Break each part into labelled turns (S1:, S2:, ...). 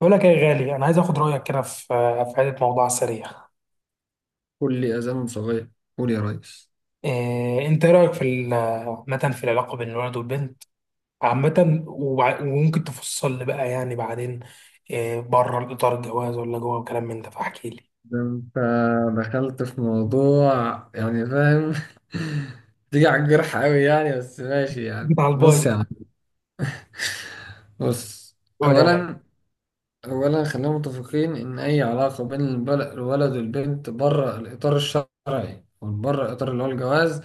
S1: بقول لك إيه يا غالي، انا عايز اخد رايك كده في حته موضوع سريع.
S2: كل أذان صغير قول يا ريس.
S1: انت إيه رايك في عامه في العلاقه بين الولد والبنت عامه، وممكن تفصل لي بقى يعني بعدين إيه، بره الاطار الجواز ولا جوه، وكلام من ده فاحكي لي.
S2: ده أنت دخلت في موضوع يعني، فاهم؟ تيجي على الجرح أوي يعني، بس ماشي
S1: جيت
S2: يعني.
S1: على الباي.
S2: بص يا عم، بص.
S1: قول يا غالي.
S2: أولا خلينا متفقين إن أي علاقة بين الولد والبنت بره الإطار الشرعي، بره الإطار اللي هو الجواز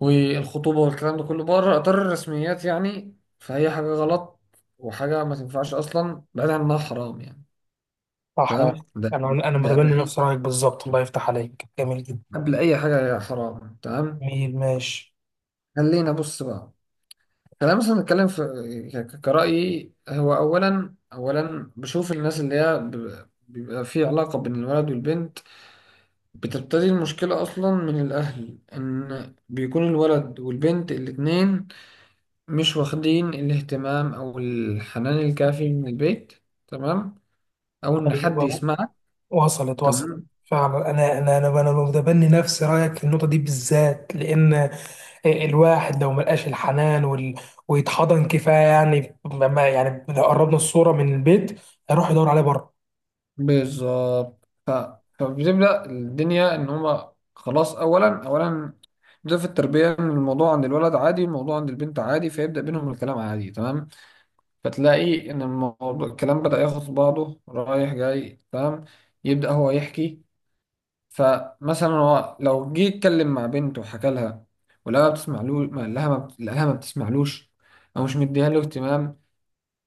S2: والخطوبة والكلام ده كله، بره إطار الرسميات يعني، فهي حاجة غلط وحاجة ما تنفعش أصلا، بعيد عن إنها حرام يعني.
S1: صح يا
S2: تمام،
S1: أخي.
S2: ده
S1: انا
S2: قبل
S1: متبني نفس رايك بالظبط، الله يفتح عليك، جميل جدا.
S2: اي حاجه يا حرام. تمام،
S1: جميل ماشي.
S2: خلينا بص بقى، خلينا مثلا نتكلم في كرأيي هو. اولا اولا بشوف الناس اللي هي بيبقى في علاقه بين الولد والبنت، بتبتدي المشكله اصلا من الاهل، ان بيكون الولد والبنت الاتنين مش واخدين الاهتمام او الحنان الكافي من البيت، تمام، او ان حد
S1: ايوه،
S2: يسمعك.
S1: وصلت وصلت.
S2: تمام،
S1: فعلا انا متبني نفس رايك في النقطه دي بالذات، لان الواحد لو ملقاش الحنان ويتحضن كفايه، يعني ما يعني لو قربنا الصوره من البيت هيروح يدور عليه بره.
S2: بالظبط. فبتبدأ الدنيا إن هما خلاص. أولا ده في التربية، إن الموضوع عند الولد عادي، الموضوع عند البنت عادي، فيبدأ بينهم الكلام عادي، تمام. فتلاقي إن الموضوع الكلام بدأ ياخد بعضه رايح جاي، تمام. يبدأ هو يحكي، فمثلا هو لو جه يتكلم مع بنت وحكى لها ولقاها بتسمع له، ما لها ما بتسمعلوش، أو مش مديها له اهتمام،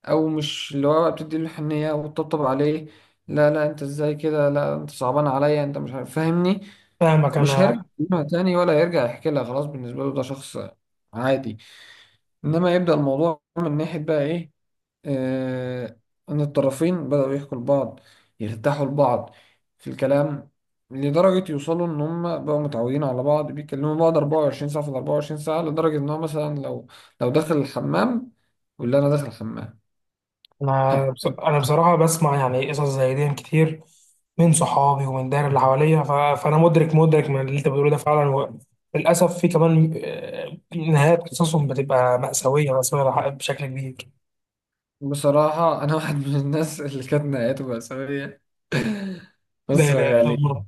S2: او مش اللي هو بتدي له حنيه وتطبطب عليه، لا لا انت ازاي كده، لا انت صعبان عليا، انت مش عارف، فاهمني؟
S1: فاهمك
S2: مش هيرجع
S1: انا.
S2: يكلمها تاني ولا هيرجع يحكي لها، خلاص بالنسبه له ده شخص عادي. انما يبدا الموضوع من ناحيه بقى ايه، آه، ان الطرفين بداوا يحكوا لبعض، يرتاحوا لبعض في الكلام، لدرجة يوصلوا إن هما بقوا متعودين على بعض، بيكلموا بعض 24 ساعة في ال 24 ساعة، لدرجة إن هو مثلا لو داخل الحمام يقول لي أنا داخل الحمام.
S1: انا بصراحه بسمع يعني قصص زي دي كتير من صحابي ومن الدايره اللي حواليا، فانا مدرك من اللي انت بتقوله ده فعلا، للاسف في كمان نهايات قصصهم بتبقى مأساويه مأساويه بشكل كبير.
S2: بصراحة أنا واحد من الناس اللي كانت نهايته مأساوية.
S1: لا
S2: بص يا
S1: لا لا،
S2: غالي،
S1: الله.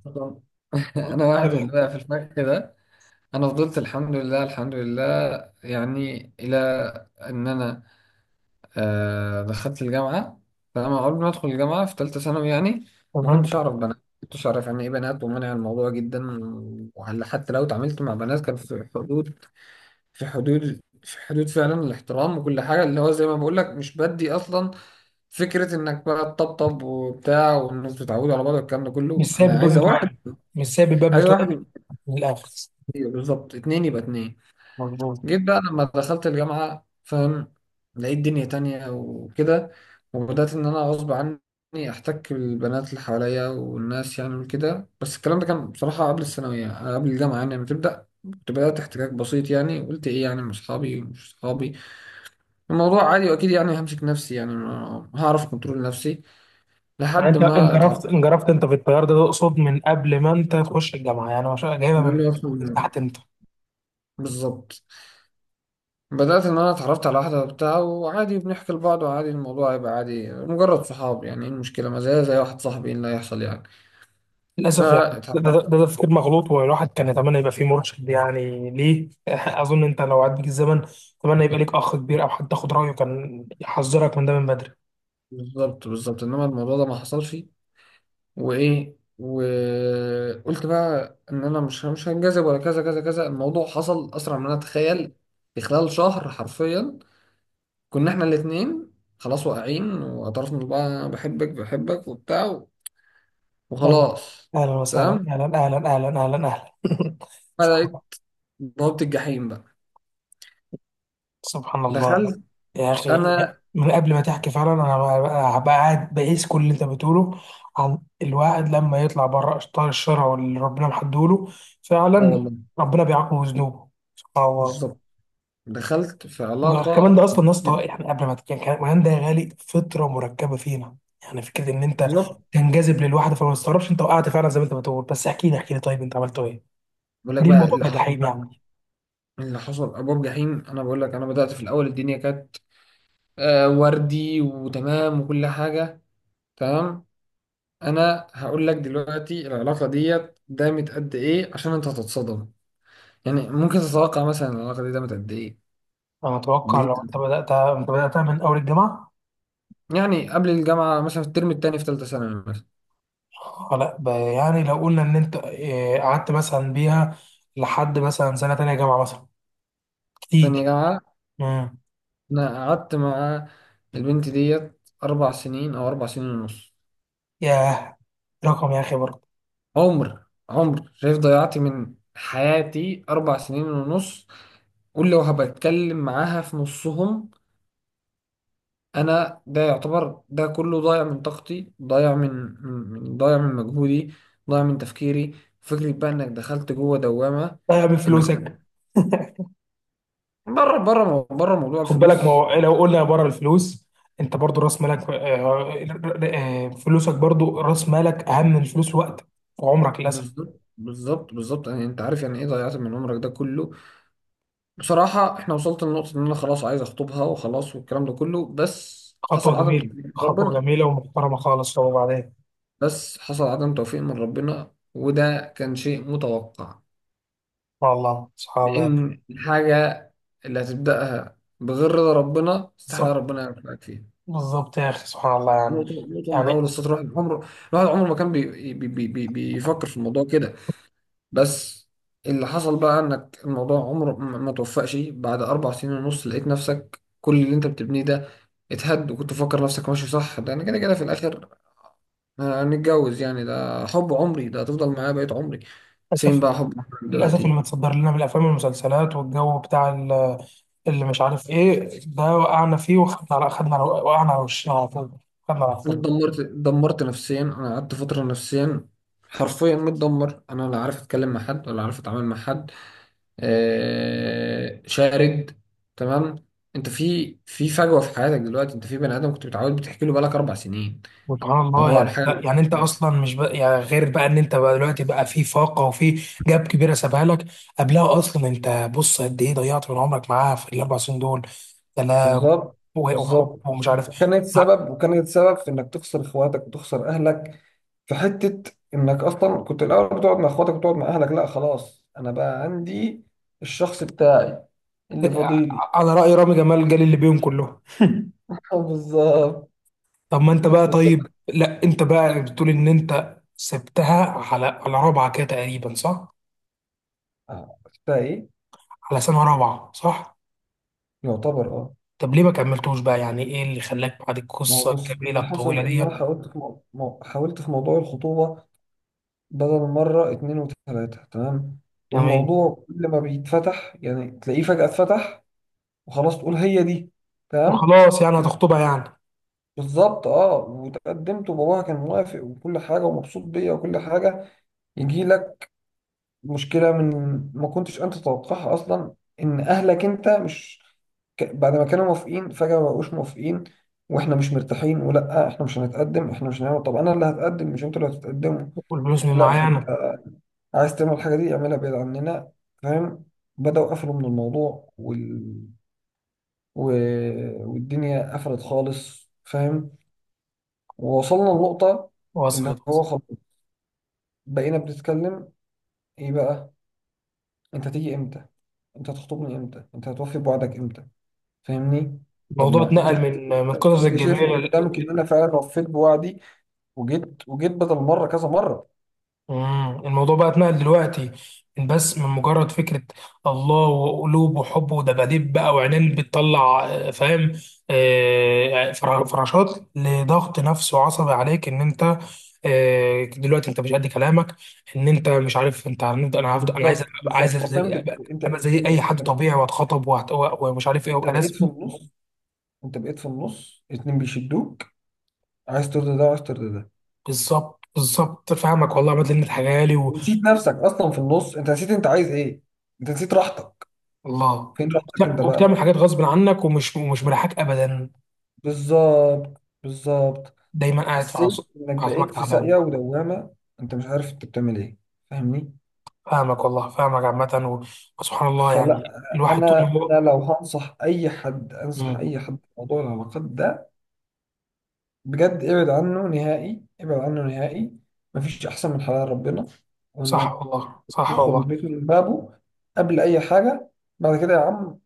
S2: أنا واحد من اللي بقى في الفخ ده. أنا فضلت الحمد لله يعني إلى إن أنا آه دخلت الجامعة. فأنا قبل ما أدخل الجامعة في تالتة ثانوي يعني ما
S1: تمام.
S2: كنتش أعرف بنات، ما كنتش أعرف يعني إيه بنات، ومنع الموضوع جدا. وهل حتى لو اتعاملت مع بنات كان في حدود، في حدود فعلا الاحترام وكل حاجة، اللي هو زي ما بقول لك مش بدي أصلا فكرة انك بقى تطبطب وبتاع والناس بتتعود على بعض والكلام ده
S1: مش
S2: كله.
S1: سايب
S2: انا
S1: الباب
S2: عايزة واحد،
S1: متوقف، مش سايب الباب متوقف.
S2: يبقى
S1: من الاخر.
S2: كتير، بالظبط، اتنين يبقى اتنين.
S1: مظبوط.
S2: جيت بقى لما دخلت الجامعة، فاهم، لقيت دنيا تانية وكده، وبدأت ان انا غصب عني احتك بالبنات اللي حواليا والناس يعني وكده. بس الكلام ده كان بصراحة قبل الثانوية، قبل الجامعة يعني لما تبدأ كنت بدأت احتكاك بسيط يعني. قلت ايه يعني، مش صحابي، الموضوع عادي، واكيد يعني همسك نفسي يعني، هعرف كنترول نفسي
S1: يعني
S2: لحد
S1: انت
S2: ما اتعرفت.
S1: انجرفت انت في التيار ده، تقصد من قبل ما انت تخش الجامعه؟ يعني مش جايبها
S2: مال
S1: من
S2: يفهم
S1: من
S2: منه.
S1: تحت انت؟
S2: بالظبط. بدأت إن أنا اتعرفت على واحدة وبتاع، وعادي بنحكي لبعض، وعادي الموضوع يبقى عادي مجرد صحاب يعني. إيه المشكلة؟ ما زي واحد صاحبي، إيه اللي هيحصل يعني؟
S1: للاسف يعني ده, ده,
S2: فتعرفت.
S1: ده, ده تفكير مغلوط، والواحد كان يتمنى يبقى فيه مرشد يعني ليه اظن انت لو عاد بيك الزمن، اتمنى يبقى ليك اخ كبير او حد تاخد رايه كان يحذرك من ده من بدري.
S2: بالظبط، بالظبط. إنما الموضوع ده ما حصلش، وإيه، وقلت بقى إن أنا مش هنجذب ولا كذا كذا كذا. الموضوع حصل أسرع من أنا أتخيل. في خلال شهر حرفيا كنا إحنا الاتنين خلاص واقعين، واعترفنا لبعض أنا بحبك، بحبك وبتاع،
S1: اهلا،
S2: وخلاص.
S1: اهلا وسهلا،
S2: تمام،
S1: اهلا اهلا اهلا اهلا اهلا صح.
S2: بدأت بوابة الجحيم بقى،
S1: سبحان الله
S2: دخلت
S1: يا اخي.
S2: أنا.
S1: من قبل ما تحكي فعلا، انا هبقى قاعد بقيس كل اللي انت بتقوله عن الواحد لما يطلع بره اشطار الشرع اللي ربنا محدوله،
S2: أه
S1: فعلا
S2: والله،
S1: ربنا بيعاقبه بذنوبه. سبحان الله.
S2: بالظبط، دخلت في
S1: وكمان
S2: علاقة.
S1: ده اصلا يا اسطى، يعني قبل ما تتكلم كمان ده يا غالي فطره مركبه فينا. يعني فكره ان انت
S2: بالظبط،
S1: تنجذب للواحده، فما تستغربش انت وقعت فعلا زي ما انت بتقول. بس احكي لي احكي لي، طيب انت عملت ايه؟
S2: بقول لك
S1: ليه
S2: بقى
S1: الموضوع
S2: اللي
S1: ده
S2: حصل
S1: جحيم
S2: بقى،
S1: يعني؟
S2: اللي حصل أبواب جحيم. أنا بقول لك أنا بدأت في الأول الدنيا كانت آه وردي وتمام وكل حاجة. تمام، أنا هقول لك دلوقتي العلاقة ديت دامت قد إيه عشان أنت هتتصدم، يعني ممكن تتوقع مثلا العلاقة دي دامت قد إيه؟
S1: انا اتوقع لو انت
S2: بال-
S1: بدات، انت بداتها من اول الجامعه.
S2: يعني قبل الجامعة مثلا في الترم التاني في تالتة ثانوي مثلا.
S1: لا، يعني لو قلنا ان انت قعدت مثلا بيها لحد مثلا سنه تانية جامعه مثلا.
S2: تانية
S1: كتير.
S2: جامعة.
S1: امم.
S2: انا قعدت مع البنت ديت اربع سنين، او اربع سنين ونص.
S1: ياه، رقم يا اخي برضه.
S2: عمر، شايف ضيعت من حياتي اربع سنين ونص، ولو هبتكلم معاها في نصهم، انا ده يعتبر ده كله ضايع من طاقتي، ضايع من من ضايع من مجهودي، ضايع من تفكيري. فكرة بقى انك دخلت جوه دوامة،
S1: لا
S2: انك
S1: بفلوسك.
S2: بره موضوع
S1: خد
S2: الفلوس.
S1: بالك، ما هو لو قلنا بره الفلوس انت برضه راس مالك، فلوسك برضه راس مالك، اهم من الفلوس وقتك وعمرك، للاسف.
S2: بالظبط، بالظبط يعني انت عارف يعني ايه ضيعت من عمرك ده كله. بصراحة احنا وصلت لنقطة ان انا خلاص عايز اخطبها وخلاص والكلام ده كله، بس
S1: خطوه
S2: حصل عدم
S1: جميله،
S2: توفيق من
S1: خطوه
S2: ربنا.
S1: جميله ومحترمه خالص. طب وبعدين؟
S2: وده كان شيء متوقع،
S1: سبحان الله سبحان الله.
S2: لان الحاجة اللي هتبدأها بغير رضا ربنا استحالة
S1: بالظبط
S2: ربنا يوفقك فيها.
S1: بالظبط يا اخي، سبحان الله يعني.
S2: نقطة من أول
S1: يعني
S2: السطر الواحد عمره، ما كان بي بي بي بي بيفكر في الموضوع كده. بس اللي حصل بقى انك الموضوع عمره ما توفقش. بعد اربع سنين ونص لقيت نفسك كل اللي انت بتبنيه ده اتهد، وكنت مفكر نفسك ماشي صح ده انا كده كده في الاخر هنتجوز يعني، ده حب عمري، ده هتفضل معايا بقيت عمري. فين
S1: للاسف،
S2: بقى حب عمرك
S1: للأسف اللي
S2: دلوقتي؟
S1: متصدر لنا من الأفلام والمسلسلات والجو بتاع اللي مش عارف إيه ده وقعنا فيه، وخدنا على خدنا على وقعنا على وشنا على طول، خدنا على طول.
S2: اتدمرت، اتدمرت نفسيا. انا قعدت فترة نفسيا حرفيا متدمر، انا لا عارف اتكلم مع حد ولا عارف اتعامل مع حد، آه، شارد. تمام، انت في فجوه في حياتك دلوقتي، انت في بني ادم كنت متعود بتحكي له بقالك اربع سنين،
S1: سبحان الله
S2: وهو
S1: يعني،
S2: الحاجه.
S1: انت يعني انت اصلا مش بقى يعني غير بقى ان انت بقى دلوقتي بقى في فاقه وفي جاب كبيره سابها لك. قبلها اصلا، انت بص قد ايه ضيعت من عمرك معاها في الاربع سنين دول؟ سلام.
S2: بالظبط،
S1: وحب
S2: بالظبط.
S1: ومش عارف،
S2: وكانت سبب، في انك تخسر اخواتك وتخسر اهلك، في حته انك اصلا كنت الاول بتقعد مع اخواتك وتقعد مع اهلك، لا خلاص انا بقى عندي الشخص بتاعي اللي فاضيلي.
S1: على رأي رامي جمال، جال اللي بيهم كلهم
S2: بالظبط.
S1: طب ما انت بقى طيب،
S2: وأنت-
S1: لا انت بقى بتقول ان انت سبتها على رابعه كده تقريبا، صح؟
S2: آه، بتاع ايه،
S1: على سنه رابعه صح؟
S2: يعتبر اه.
S1: طب ليه ما كملتوش بقى يعني؟ ايه اللي خلاك بعد
S2: ما
S1: القصه
S2: هو بص
S1: الجميله
S2: اللي
S1: الطويله
S2: حصل ان انا
S1: دي؟
S2: حاولت في حاولت في موضوع الخطوبه بدل مره، اتنين وتلاته، تمام.
S1: جميل.
S2: والموضوع كل ما بيتفتح يعني تلاقيه فجاه اتفتح وخلاص تقول هي دي، تمام.
S1: وخلاص يعني هتخطبها يعني.
S2: بالظبط اه، وتقدمت وباباها كان موافق وكل حاجه ومبسوط بيا وكل حاجه. يجي لك مشكلة من ما كنتش أنت تتوقعها أصلا، إن أهلك أنت مش بعد ما كانوا موافقين فجأة ما بقوش موافقين، وإحنا مش مرتاحين، ولا إحنا مش هنتقدم، إحنا مش هنعمل، طب أنا اللي هتقدم مش أنتوا اللي هتتقدموا،
S1: والفلوس من
S2: لا
S1: معايا
S2: إحنا.
S1: انا.
S2: عايز تعمل الحاجة دي اعملها بعيد عننا، فاهم؟ بدأوا قفلوا من الموضوع و... والدنيا قفلت خالص، فاهم. ووصلنا لنقطة
S1: وصلت
S2: اللي هو
S1: وصلت.
S2: خلاص بقينا بنتكلم إيه بقى، انت هتيجي امتى؟ انت هتخطبني امتى؟ انت هتوفي بوعدك امتى؟ فاهمني؟ طب
S1: الموضوع
S2: ما انت
S1: اتنقل
S2: شايف،
S1: من قصص
S2: انت شايف
S1: الجميله.
S2: قدامك ان انا فعلا وفيت بوعدي، وجيت بدل مره كذا مره.
S1: مم. الموضوع بقى اتنقل دلوقتي من بس من مجرد فكرة الله وقلوب وحب ودباديب بقى وعينين بتطلع، فاهم؟ فراشات، لضغط نفسي وعصبي عليك ان انت، دلوقتي انت مش قد كلامك، ان انت مش عارف انت هنفضل، انا هفضل انا عايز
S2: بالظبط، بالظبط،
S1: عايز
S2: حرفيا. بت...
S1: ابقى،
S2: انت
S1: أبقى زي
S2: انت انت
S1: اي حد
S2: انت
S1: طبيعي واتخطب ومش عارف ايه،
S2: انت
S1: وابقى
S2: بقيت في
S1: رسمي.
S2: النص، اتنين بيشدوك، عايز ترضي ده وعايز ترضي ده،
S1: بالظبط بالظبط، فاهمك والله يا مدلن الحاجه لي.
S2: نسيت نفسك اصلا. في النص انت نسيت انت عايز ايه، انت نسيت راحتك.
S1: والله،
S2: فين راحتك انت بقى؟
S1: وبتعمل حاجات غصب عنك ومش مريحاك ابدا.
S2: بالظبط، بالظبط.
S1: دايما قاعد في
S2: حسيت انك
S1: اعصابك
S2: بقيت في ساقية
S1: تعبان.
S2: ودوامة، انت مش عارف انت بتعمل ايه، فاهمني؟
S1: فاهمك والله، فاهمك عامة وسبحان الله
S2: فلا،
S1: يعني، الواحد طول ما
S2: انا
S1: هو.
S2: لو هنصح اي حد، انصح
S1: مم.
S2: اي حد في موضوع العلاقات ده، بجد ابعد عنه نهائي، مفيش احسن من حلال ربنا،
S1: صح
S2: وانك
S1: والله صح
S2: تدخل
S1: والله.
S2: البيت من بابه قبل اي حاجة. بعد كده يا عم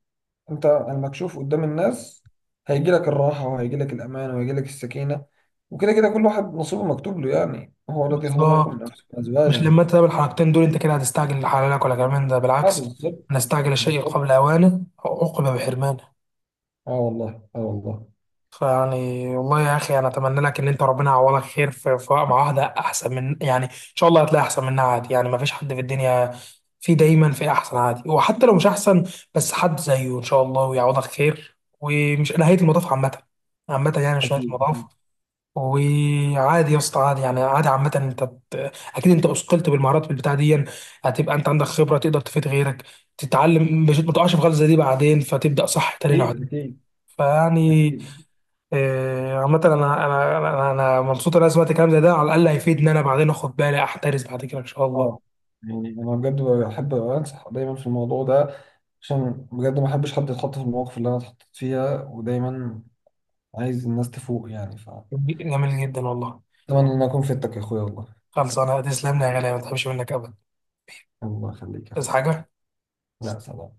S2: انت المكشوف قدام الناس، هيجي لك الراحة، وهيجي لك الامان، وهيجي لك السكينة، وكده كده كل واحد نصيبه مكتوب له يعني، هو الذي خلق لكم من
S1: بالظبط.
S2: انفسكم
S1: مش
S2: ازواجا.
S1: لما انت تعمل الحركتين دول انت كده هتستعجل لحلالك، ولا كمان ده
S2: اه
S1: بالعكس؟
S2: بالظبط،
S1: نستعجل الشيء
S2: بالظبط.
S1: قبل اوانه عقب بحرمانه.
S2: اه والله، اه والله.
S1: فيعني والله يا اخي، انا اتمنى لك ان انت ربنا يعوضك خير في مع واحده احسن، من يعني ان شاء الله هتلاقي احسن منها عادي، يعني ما فيش حد في الدنيا. في دايما في احسن عادي، وحتى لو مش احسن بس حد زيه ان شاء الله، ويعوضك خير، ومش نهايه المطاف عامه، عامه يعني مش نهايه
S2: اكيد
S1: المطاف.
S2: اكيد
S1: وعادي يا اسطى، عادي يعني عادي عامه، انت اكيد انت اثقلت بالمهارات بالبتاع دي، هتبقى انت عندك خبره تقدر تفيد غيرك، تتعلم مش ما تقعش في غلطه زي دي بعدين، فتبدا صح تاني لو عدت.
S2: اكيد، اكيد
S1: فيعني،
S2: أكيد.
S1: عامة انا، انا مبسوط ان انا سمعت كلام زي ده، على الاقل هيفيدني انا بعدين اخد بالي احترس بعد كده ان شاء الله.
S2: اه، يعني انا بجد بحب انصح دايما في الموضوع ده، عشان بجد ما احبش حد يتحط في المواقف اللي انا اتحطيت فيها، ودايما عايز الناس تفوق يعني. ف
S1: جميل جدا والله.
S2: اتمنى ان أنا اكون فدتك يا اخويا والله.
S1: خلص انا تسلم لي يا غالي، ما تحبش منك ابدا.
S2: الله يخليك يا
S1: بس
S2: اخويا.
S1: حاجة.
S2: لا سلام.